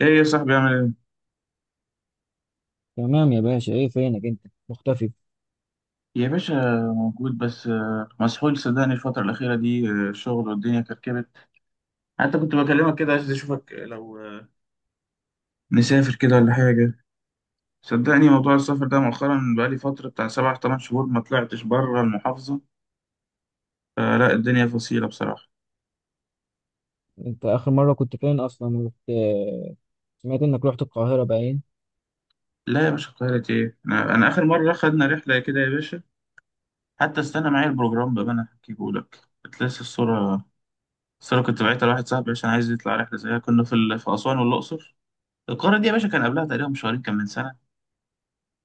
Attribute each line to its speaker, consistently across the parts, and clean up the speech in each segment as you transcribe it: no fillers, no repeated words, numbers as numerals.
Speaker 1: ايه يا صاحبي، عامل ايه؟
Speaker 2: تمام يا باشا، ايه فينك انت مختفي؟
Speaker 1: يا باشا موجود، بس مسحول صدقني الفترة الأخيرة دي، شغل والدنيا كركبت. حتى كنت بكلمك كده عايز أشوفك لو نسافر كده ولا حاجة. صدقني موضوع السفر ده مؤخرا بقالي فترة بتاع 7 8 شهور ما طلعتش بره المحافظة، فلا الدنيا فصيلة بصراحة.
Speaker 2: انت اخر مره كنت فين اصلا؟ رحت سمعت انك رحت القاهره باين
Speaker 1: لا يا باشا، القاهرة ايه؟ أنا آخر مرة خدنا رحلة كده يا باشا، حتى استنى معايا البروجرام بقى أنا هحكيه لك. كنت لسه الصورة، الصورة كنت بعتها لواحد صاحبي عشان عايز يطلع رحلة زيها. كنا في في أسوان والأقصر. القارة دي يا باشا كان قبلها تقريبا بشهرين، كان من سنة،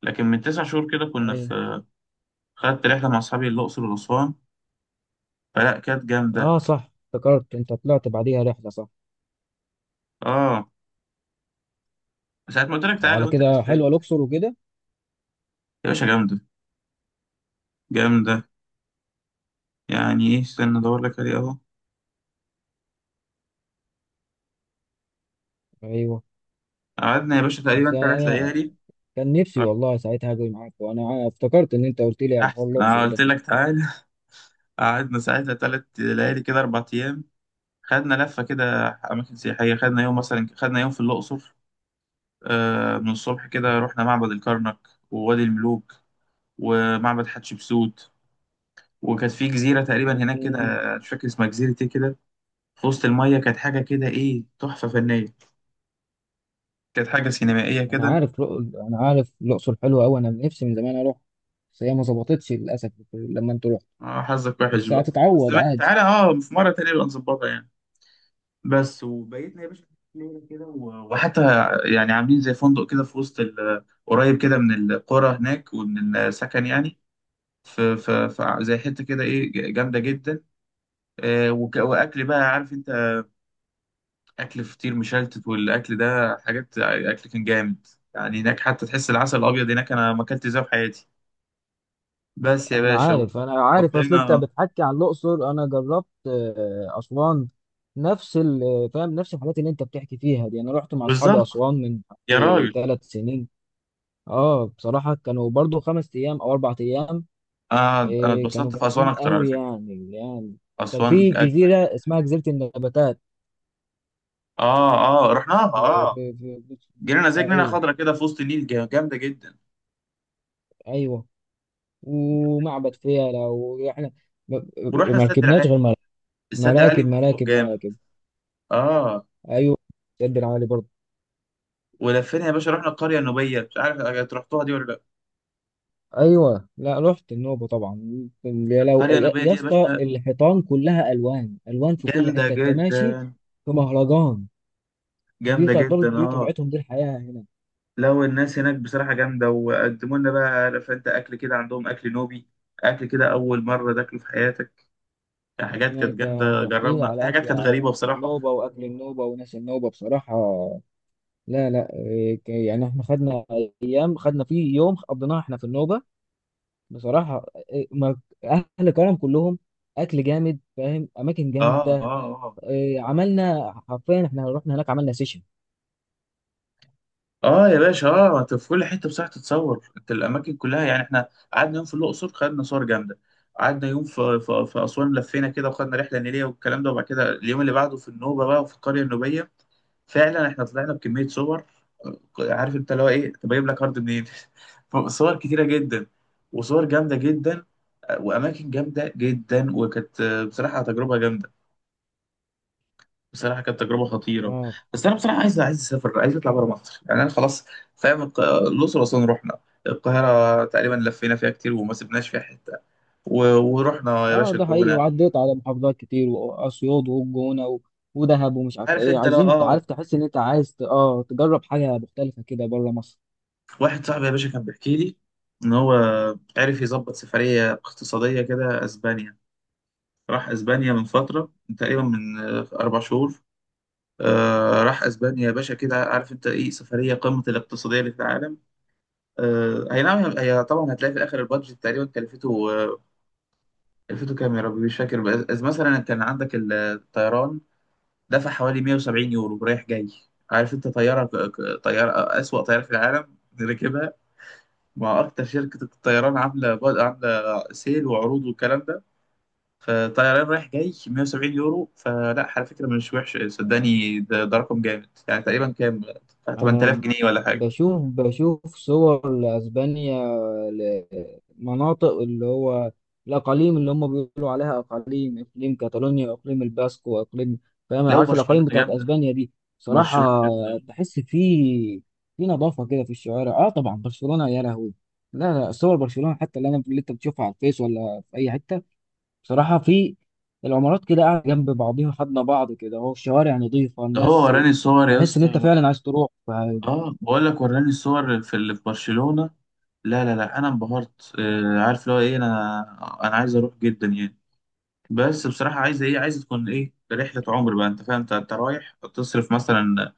Speaker 1: لكن من 9 شهور كده كنا
Speaker 2: ايه.
Speaker 1: في، خدت رحلة مع أصحابي الأقصر وأسوان، فلا كانت جامدة.
Speaker 2: اه صح، افتكرت انت طلعت بعديها رحله صح؟
Speaker 1: اه، ساعة ما قلت لك تعالى
Speaker 2: وعلى
Speaker 1: وأنت
Speaker 2: كده حلوه
Speaker 1: كسلت.
Speaker 2: الاقصر وكده؟
Speaker 1: يا باشا جامدة، جامدة. يعني إيه، استنى أدور لك عليه أهو.
Speaker 2: ايوه.
Speaker 1: قعدنا يا باشا
Speaker 2: بس
Speaker 1: تقريبا تلات
Speaker 2: انا
Speaker 1: ليالي
Speaker 2: كان نفسي والله ساعتها اجي معاك، وانا افتكرت ان انت قلت لي على
Speaker 1: أحسن
Speaker 2: حوار
Speaker 1: أنا
Speaker 2: الاقصر
Speaker 1: قلت
Speaker 2: ده.
Speaker 1: لك تعالى. قعدنا ساعتها 3 ليالي كده، 4 أيام. خدنا لفة كده، أماكن سياحية. خدنا يوم مثلا، خدنا يوم في الأقصر، من الصبح كده رحنا معبد الكرنك ووادي الملوك ومعبد حتشبسوت. وكانت في جزيرة تقريبا هناك كده،
Speaker 2: مم.
Speaker 1: مش فاكر اسمها جزيرة ايه كده، في وسط المية، كانت حاجة كده ايه، تحفة فنية، كانت حاجة سينمائية كده.
Speaker 2: انا عارف الاقصر حلوه قوي، انا نفسي من زمان اروح. بس هي ما ظبطتش للاسف لما انت رحت.
Speaker 1: اه حظك وحش
Speaker 2: بس
Speaker 1: بقى. بس
Speaker 2: هتتعوض عادي.
Speaker 1: تعالى، اه، في مرة تانية نبقى نظبطها يعني. بس وبيتنا يا باشا ليلة كده، وحتى يعني عاملين زي فندق كده في وسط قريب كده من القرى هناك ومن السكن يعني. في زي حتة كده ايه، جامدة جدا. واكل بقى عارف انت، اكل فطير مشلتت والاكل ده، حاجات اكل كان جامد. يعني هناك حتى تحس العسل الابيض هناك انا ما اكلت زيه في حياتي. بس يا
Speaker 2: انا
Speaker 1: باشا
Speaker 2: عارف انا عارف اصل انت
Speaker 1: قضينا.
Speaker 2: بتحكي عن الاقصر، انا جربت اسوان. فاهم، نفس الحاجات اللي انت بتحكي فيها دي انا رحت مع اصحابي
Speaker 1: بالظبط.
Speaker 2: اسوان من
Speaker 1: يا راجل.
Speaker 2: 3 سنين. اه بصراحه كانوا برضو 5 ايام او 4 ايام.
Speaker 1: انا
Speaker 2: كانوا
Speaker 1: اتبسطت في اسوان
Speaker 2: جامدين
Speaker 1: اكتر على
Speaker 2: قوي.
Speaker 1: فكره.
Speaker 2: يعني كان
Speaker 1: اسوان
Speaker 2: في جزيره
Speaker 1: اجمد
Speaker 2: اسمها
Speaker 1: بكتير.
Speaker 2: جزيره النباتات.
Speaker 1: اه اه، رحناها اه. جينا زي جنينه
Speaker 2: ايوه،
Speaker 1: خضرا كده في وسط النيل، جامده جدا.
Speaker 2: ايوه، ومعبد فيلة، واحنا ما
Speaker 1: ورحنا
Speaker 2: ما
Speaker 1: السد
Speaker 2: ركبناش غير
Speaker 1: العالي، السد العالي
Speaker 2: مراكب، مراكب،
Speaker 1: من فوق
Speaker 2: مراكب،
Speaker 1: جامد.
Speaker 2: مراكب.
Speaker 1: اه.
Speaker 2: ايوه، سد العالي برضو.
Speaker 1: ولفينا يا باشا، رحنا القريه النوبيه، مش عارف أنت رحتوها دي ولا لا.
Speaker 2: ايوه. لا، رحت النوبه طبعا. يا لو،
Speaker 1: القريه
Speaker 2: يا
Speaker 1: النوبيه
Speaker 2: يا
Speaker 1: دي يا
Speaker 2: اسطى،
Speaker 1: باشا
Speaker 2: الحيطان كلها الوان الوان في كل
Speaker 1: جامده
Speaker 2: حته انت ماشي
Speaker 1: جدا،
Speaker 2: في مهرجان.
Speaker 1: جامده جدا
Speaker 2: دي
Speaker 1: اه.
Speaker 2: طبيعتهم، دي الحياه هنا.
Speaker 1: لو الناس هناك بصراحة جامدة، وقدموا لنا بقى عارف انت أكل كده، عندهم أكل نوبي، أكل كده أول مرة تاكله في حياتك. حاجات
Speaker 2: يعني
Speaker 1: كانت
Speaker 2: انت
Speaker 1: جامدة،
Speaker 2: هتحكي لي
Speaker 1: جربنا في
Speaker 2: على
Speaker 1: حاجات
Speaker 2: اكل،
Speaker 1: كانت غريبة
Speaker 2: على
Speaker 1: بصراحة.
Speaker 2: النوبه، واكل النوبه وناس النوبه بصراحه؟ لا، لا، يعني احنا خدنا ايام، خدنا فيه يوم قضيناه احنا في النوبه بصراحه. إيه، ما- اهل كرم كلهم، اكل جامد، فاهم، اماكن
Speaker 1: آه
Speaker 2: جامده.
Speaker 1: آه آه.
Speaker 2: عملنا حرفيا احنا رحنا هناك عملنا سيشن.
Speaker 1: آه يا باشا، أنت في كل حتة بصراحة تتصور أنت الأماكن كلها. يعني إحنا قعدنا يوم في الأقصر، خدنا صور جامدة. قعدنا يوم في أسوان، لفينا كده وخدنا رحلة نيلية والكلام ده، وبعد كده اليوم اللي بعده في النوبة بقى وفي القرية النوبية. فعلا احنا طلعنا بكميه صور، عارف انت اللي هو ايه، طب اجيب لك هارد منين؟ صور كتيره جدا، وصور جامده جدا، واماكن جامده جدا. وكانت بصراحه تجربه جامده، بصراحه كانت تجربه خطيره. بس انا بصراحه عايز اسافر، عايز اطلع بره مصر يعني، انا خلاص فاهم. الاقصر واسوان رحنا، القاهره تقريبا لفينا فيها كتير وما سبناش فيها حته، ورحنا يا
Speaker 2: اه
Speaker 1: باشا
Speaker 2: ده حقيقي،
Speaker 1: الجونه،
Speaker 2: وعديت على محافظات كتير، واسيوط والجونه، و... ودهب، ومش عارف
Speaker 1: عارف
Speaker 2: ايه.
Speaker 1: انت. لا
Speaker 2: عايزين، انت
Speaker 1: اه،
Speaker 2: عارف، تحس ان انت عايز تجرب حاجه مختلفه كده بره مصر.
Speaker 1: واحد صاحبي يا باشا كان بيحكي لي ان هو عرف يظبط سفريه اقتصاديه كده اسبانيا. راح اسبانيا من فتره، من تقريبا من 4 شهور. راح اسبانيا يا باشا كده، عارف انت ايه، سفريه قمه الاقتصاديه اللي في العالم. اي نعم. هي طبعا هتلاقي في الاخر البادجت تقريبا كلفته كام يا ربي، مش فاكر. بس مثلا كان عندك الطيران، دفع حوالي 170 يورو رايح جاي. عارف انت، طياره، اسوأ طياره في العالم ركبها. ما اكتر شركه الطيران عامله سيل وعروض والكلام ده. فطيران رايح جاي 170 يورو، فلا على فكره مش وحش، صدقني ده رقم جامد، يعني تقريبا كام، 8000
Speaker 2: انا
Speaker 1: جنيه ولا حاجه.
Speaker 2: بشوف صور لاسبانيا، لمناطق اللي هو الاقاليم اللي هم بيقولوا عليها اقاليم، اقليم كاتالونيا واقليم الباسكو واقليم، فاهم،
Speaker 1: لو
Speaker 2: عارف الاقاليم
Speaker 1: برشلونه
Speaker 2: بتاعت
Speaker 1: جامده،
Speaker 2: اسبانيا دي.
Speaker 1: برشلونه
Speaker 2: صراحة
Speaker 1: جامده.
Speaker 2: تحس في نظافة كده في الشوارع. اه طبعا برشلونة يا لهوي. لا، لا، صور برشلونة حتى اللي انت بتشوفها على الفيس ولا في اي حتة، بصراحة، في العمارات كده قاعدة جنب بعضيها، خدنا بعض كده اهو، الشوارع نظيفة،
Speaker 1: ده هو
Speaker 2: الناس،
Speaker 1: وراني صور يا
Speaker 2: تحس ان
Speaker 1: اسطى.
Speaker 2: انت فعلا عايز تروح.
Speaker 1: اه بقول لك وراني الصور في، اللي في برشلونه. لا لا لا انا انبهرت، عارف اللي هو ايه، انا انا عايز اروح جدا يعني. بس بصراحه عايز ايه، عايز تكون ايه، رحله عمر بقى انت فاهم. أنت رايح تصرف مثلا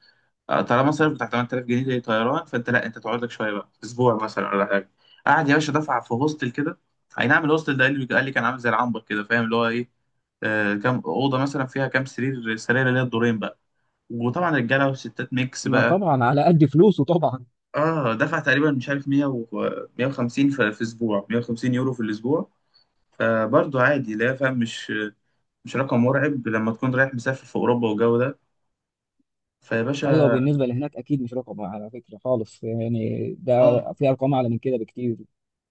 Speaker 1: طالما صرف بتاع 8000 جنيه طيران، فانت لا، انت تقعد لك شويه بقى اسبوع مثلا ولا حاجه. قعد يا باشا دفع في هوستل كده. اي نعم الهوستل ده، قال لي كان عامل زي العنبر كده، فاهم اللي هو ايه. كام اوضه مثلا فيها كام سرير اللي هي الدورين بقى، وطبعا رجاله وستات ميكس
Speaker 2: ما
Speaker 1: بقى.
Speaker 2: طبعا، على قد فلوسه طبعا.
Speaker 1: اه دفع تقريبا مش عارف 100 و 150 في في اسبوع، 150 يورو في الاسبوع. فبرضه عادي لا فاهم، مش رقم مرعب لما تكون رايح مسافر في اوروبا والجو ده. فيا
Speaker 2: ايوه،
Speaker 1: باشا
Speaker 2: بالنسبه لهناك اكيد مش رقم على فكره خالص، يعني ده
Speaker 1: اه،
Speaker 2: في ارقام اعلى من كده بكتير.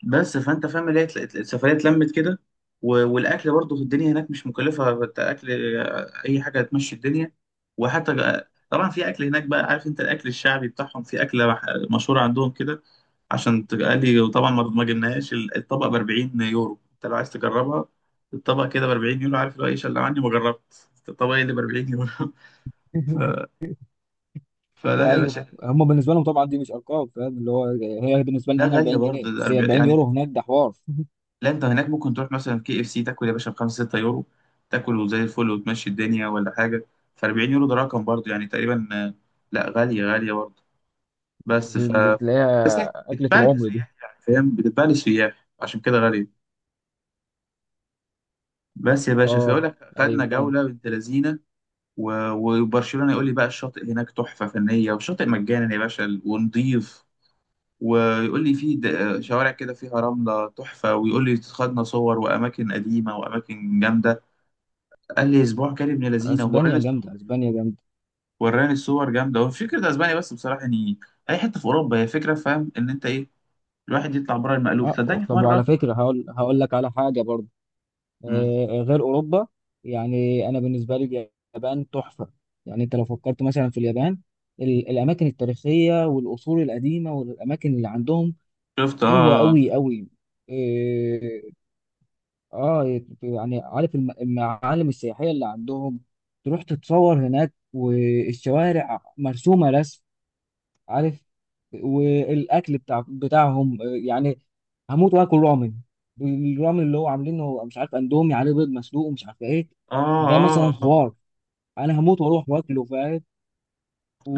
Speaker 1: بس فانت فاهم، اللي هي السفريه اتلمت كده. والاكل برضو في الدنيا هناك مش مكلفه، اكل اي حاجه هتمشي الدنيا. وحتى طبعا في اكل هناك بقى، عارف انت، الاكل الشعبي بتاعهم، في اكله مشهوره عندهم كده، عشان تقلي. وطبعا ما جبناهاش، الطبق ب 40 يورو، انت لو عايز تجربها الطبق كده ب 40 يورو، عارف، لو ايه، شلة عني ما جربت الطبق اللي ب 40 يورو. ف... فلا
Speaker 2: ما
Speaker 1: يا
Speaker 2: ايوه،
Speaker 1: باشا،
Speaker 2: هم بالنسبه لهم طبعا دي مش ارقام، فاهم اللي هو، هي بالنسبه
Speaker 1: ده
Speaker 2: لنا هنا
Speaker 1: غاليه
Speaker 2: 40 جنيه،
Speaker 1: برضه.
Speaker 2: بس هي 40 يورو هناك ده حوار.
Speaker 1: لا انت هناك ممكن تروح مثلا كي اف سي، تاكل يا باشا بخمسة ستة يورو، تاكل وزي الفل وتمشي الدنيا ولا حاجة. فأربعين يورو ده رقم برضه يعني، تقريبا لا غالية، غالية برضه. بس
Speaker 2: دي
Speaker 1: ف
Speaker 2: دي تلاقيها
Speaker 1: بس هي
Speaker 2: اكله
Speaker 1: بتتباع
Speaker 2: العمر دي.
Speaker 1: كسياح يعني، فاهم بتتباع للسياح عشان كده غالية. بس يا باشا، فيقول
Speaker 2: اه،
Speaker 1: لك
Speaker 2: ايوه
Speaker 1: خدنا
Speaker 2: فاهم.
Speaker 1: جولة بنت لذينة. و- وبرشلونة يقول لي بقى الشاطئ هناك تحفة فنية، والشاطئ مجانا يا باشا ونضيف. ويقول لي في شوارع كده فيها رملة تحفة، ويقول لي خدنا صور وأماكن قديمة وأماكن جامدة. قال لي اسبوع كان ابن لذينه، ووراني
Speaker 2: اسبانيا
Speaker 1: الصور،
Speaker 2: جامده، اسبانيا جامده.
Speaker 1: وراني الصور جامده. هو فكره اسبانيا بس بصراحه يعني، اي حته في اوروبا هي فكره، فاهم ان انت ايه، الواحد يطلع بره المألوف
Speaker 2: اه،
Speaker 1: صدقني في
Speaker 2: طب وعلى
Speaker 1: مره.
Speaker 2: فكره هقول لك على حاجه برضه،
Speaker 1: مم.
Speaker 2: غير اوروبا. يعني انا بالنسبه لي اليابان تحفه. يعني انت لو فكرت مثلا في اليابان، الاماكن التاريخيه والاصول القديمه والاماكن اللي عندهم
Speaker 1: شفت اه
Speaker 2: حلوه
Speaker 1: اه.
Speaker 2: قوي قوي. اه. يعني عارف المعالم السياحيه اللي عندهم، تروح تتصور هناك والشوارع مرسومه رسم، عارف، والاكل بتاعهم يعني هموت واكل رامن. الرامن اللي هو عاملينه هو، مش عارف، اندومي عليه بيض مسلوق ومش عارف ايه، ده
Speaker 1: اه
Speaker 2: مثلا
Speaker 1: اه.
Speaker 2: حوار. انا هموت واروح واكله، فاهم.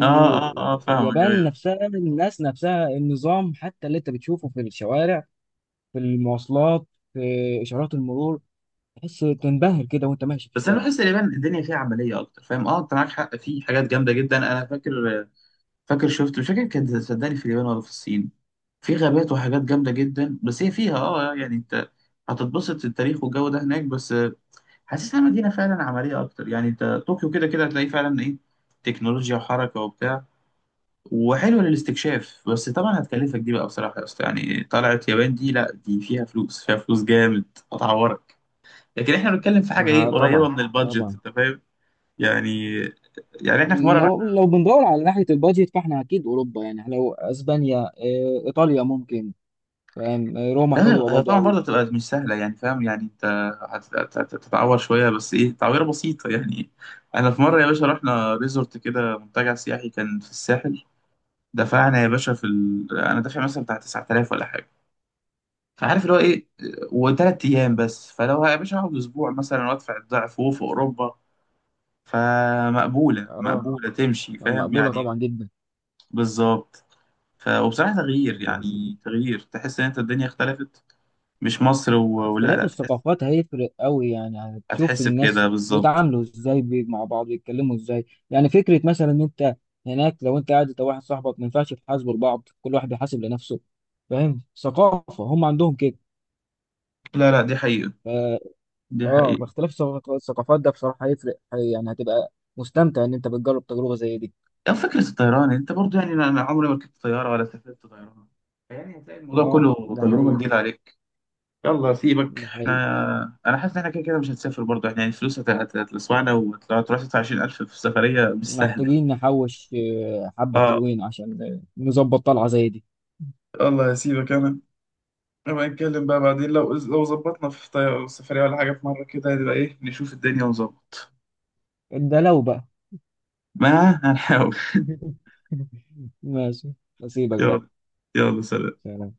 Speaker 1: اه، آه، آه فاهمك، ايوه.
Speaker 2: نفسها، الناس نفسها، النظام حتى اللي انت بتشوفه في الشوارع، في المواصلات، في اشارات المرور، تحس تنبهر كده وانت ماشي في
Speaker 1: بس انا
Speaker 2: الشارع.
Speaker 1: بحس اليابان الدنيا فيها عمليه اكتر، فاهم، اه انت معاك حق، في حاجات جامده جدا. انا فاكر شفت، مش فاكر كانت صدقني في اليابان ولا في الصين، في غابات وحاجات جامده جدا. بس هي فيها يعني انت هتتبسط، التاريخ والجو ده هناك. بس حاسسها مدينة فعلا عملية أكتر يعني. أنت طوكيو كده كده هتلاقي فعلا إيه، تكنولوجيا وحركة وبتاع، وحلوة للاستكشاف. بس طبعا هتكلفك دي بقى بصراحة يا أسطى، يعني طلعت يابان دي لأ، دي فيها فلوس، فيها فلوس جامد، هتعورك. لكن إحنا بنتكلم في حاجة إيه،
Speaker 2: ما
Speaker 1: قريبة
Speaker 2: طبعا،
Speaker 1: من البادجت
Speaker 2: طبعا.
Speaker 1: أنت فاهم يعني، يعني إحنا في مرة رحنا.
Speaker 2: لو بندور على ناحية البادجت فاحنا أكيد أوروبا، يعني لو أسبانيا، إيطاليا ممكن، فاهم. روما
Speaker 1: لا
Speaker 2: حلوه
Speaker 1: هي
Speaker 2: برضو
Speaker 1: طبعا
Speaker 2: قوي.
Speaker 1: برضه هتبقى مش سهلة يعني فاهم، يعني أنت هتتعور شوية، بس إيه، تعويرة بسيطة يعني. أنا في مرة يا باشا رحنا ريزورت كده، منتجع سياحي كان في الساحل. دفعنا يا باشا في انا دافع مثلا بتاع 9000 ولا حاجه، فعارف اللي هو ايه، وثلاث ايام بس. فلو يا باشا هقعد اسبوع مثلا وادفع الضعف وهو في اوروبا، فمقبوله
Speaker 2: اه،
Speaker 1: مقبوله، تمشي فاهم
Speaker 2: مقبولة
Speaker 1: يعني.
Speaker 2: طبعا جدا.
Speaker 1: بالظبط. وبصراحه تغيير، يعني تغيير تحس ان انت الدنيا اختلفت، مش مصر ولا
Speaker 2: اختلاف
Speaker 1: لا تحس.
Speaker 2: الثقافات هيفرق قوي، يعني هتشوف
Speaker 1: هتحس بكده
Speaker 2: الناس
Speaker 1: بالظبط.
Speaker 2: بيتعاملوا ازاي، مع بعض بيتكلموا ازاي، يعني فكرة مثلا ان انت هناك، لو انت قاعد انت واحد صاحبك ما ينفعش تحاسبوا لبعض، كل واحد بيحاسب لنفسه، فاهم، ثقافة هم عندهم كده.
Speaker 1: لا لا دي حقيقه،
Speaker 2: ف-
Speaker 1: دي
Speaker 2: اه
Speaker 1: حقيقه.
Speaker 2: فاختلاف الثقافات ده بصراحة هيفرق، يعني هتبقى مستمتع ان انت بتجرب تجربة زي دي.
Speaker 1: يعني فكره الطيران انت برضو يعني، أنا عمري ما ركبت طياره ولا سافرت طيران، يعني هتلاقي الموضوع
Speaker 2: اه
Speaker 1: كله
Speaker 2: ده
Speaker 1: تجربه
Speaker 2: حقيقي.
Speaker 1: جديده عليك. يلا سيبك،
Speaker 2: ده حقيقي.
Speaker 1: احنا انا حاسس ان احنا كده كده مش هنسافر برضه، احنا يعني الفلوس هتلسوعنا وهتروح تدفع 20000 في سفرية مش سهلة.
Speaker 2: محتاجين نحوش حبة
Speaker 1: اه
Speaker 2: حلوين عشان نظبط طلعة زي دي.
Speaker 1: يلا سيبك انا، نبقى نتكلم بقى بعدين لو ظبطنا في سفرية ولا حاجة، في مرة كده نبقى ايه، نشوف الدنيا ونظبط.
Speaker 2: ده لو بقى.
Speaker 1: ما هنحاول.
Speaker 2: ماشي، أسيبك بقى.
Speaker 1: يلا، يلا سلام.
Speaker 2: سلام.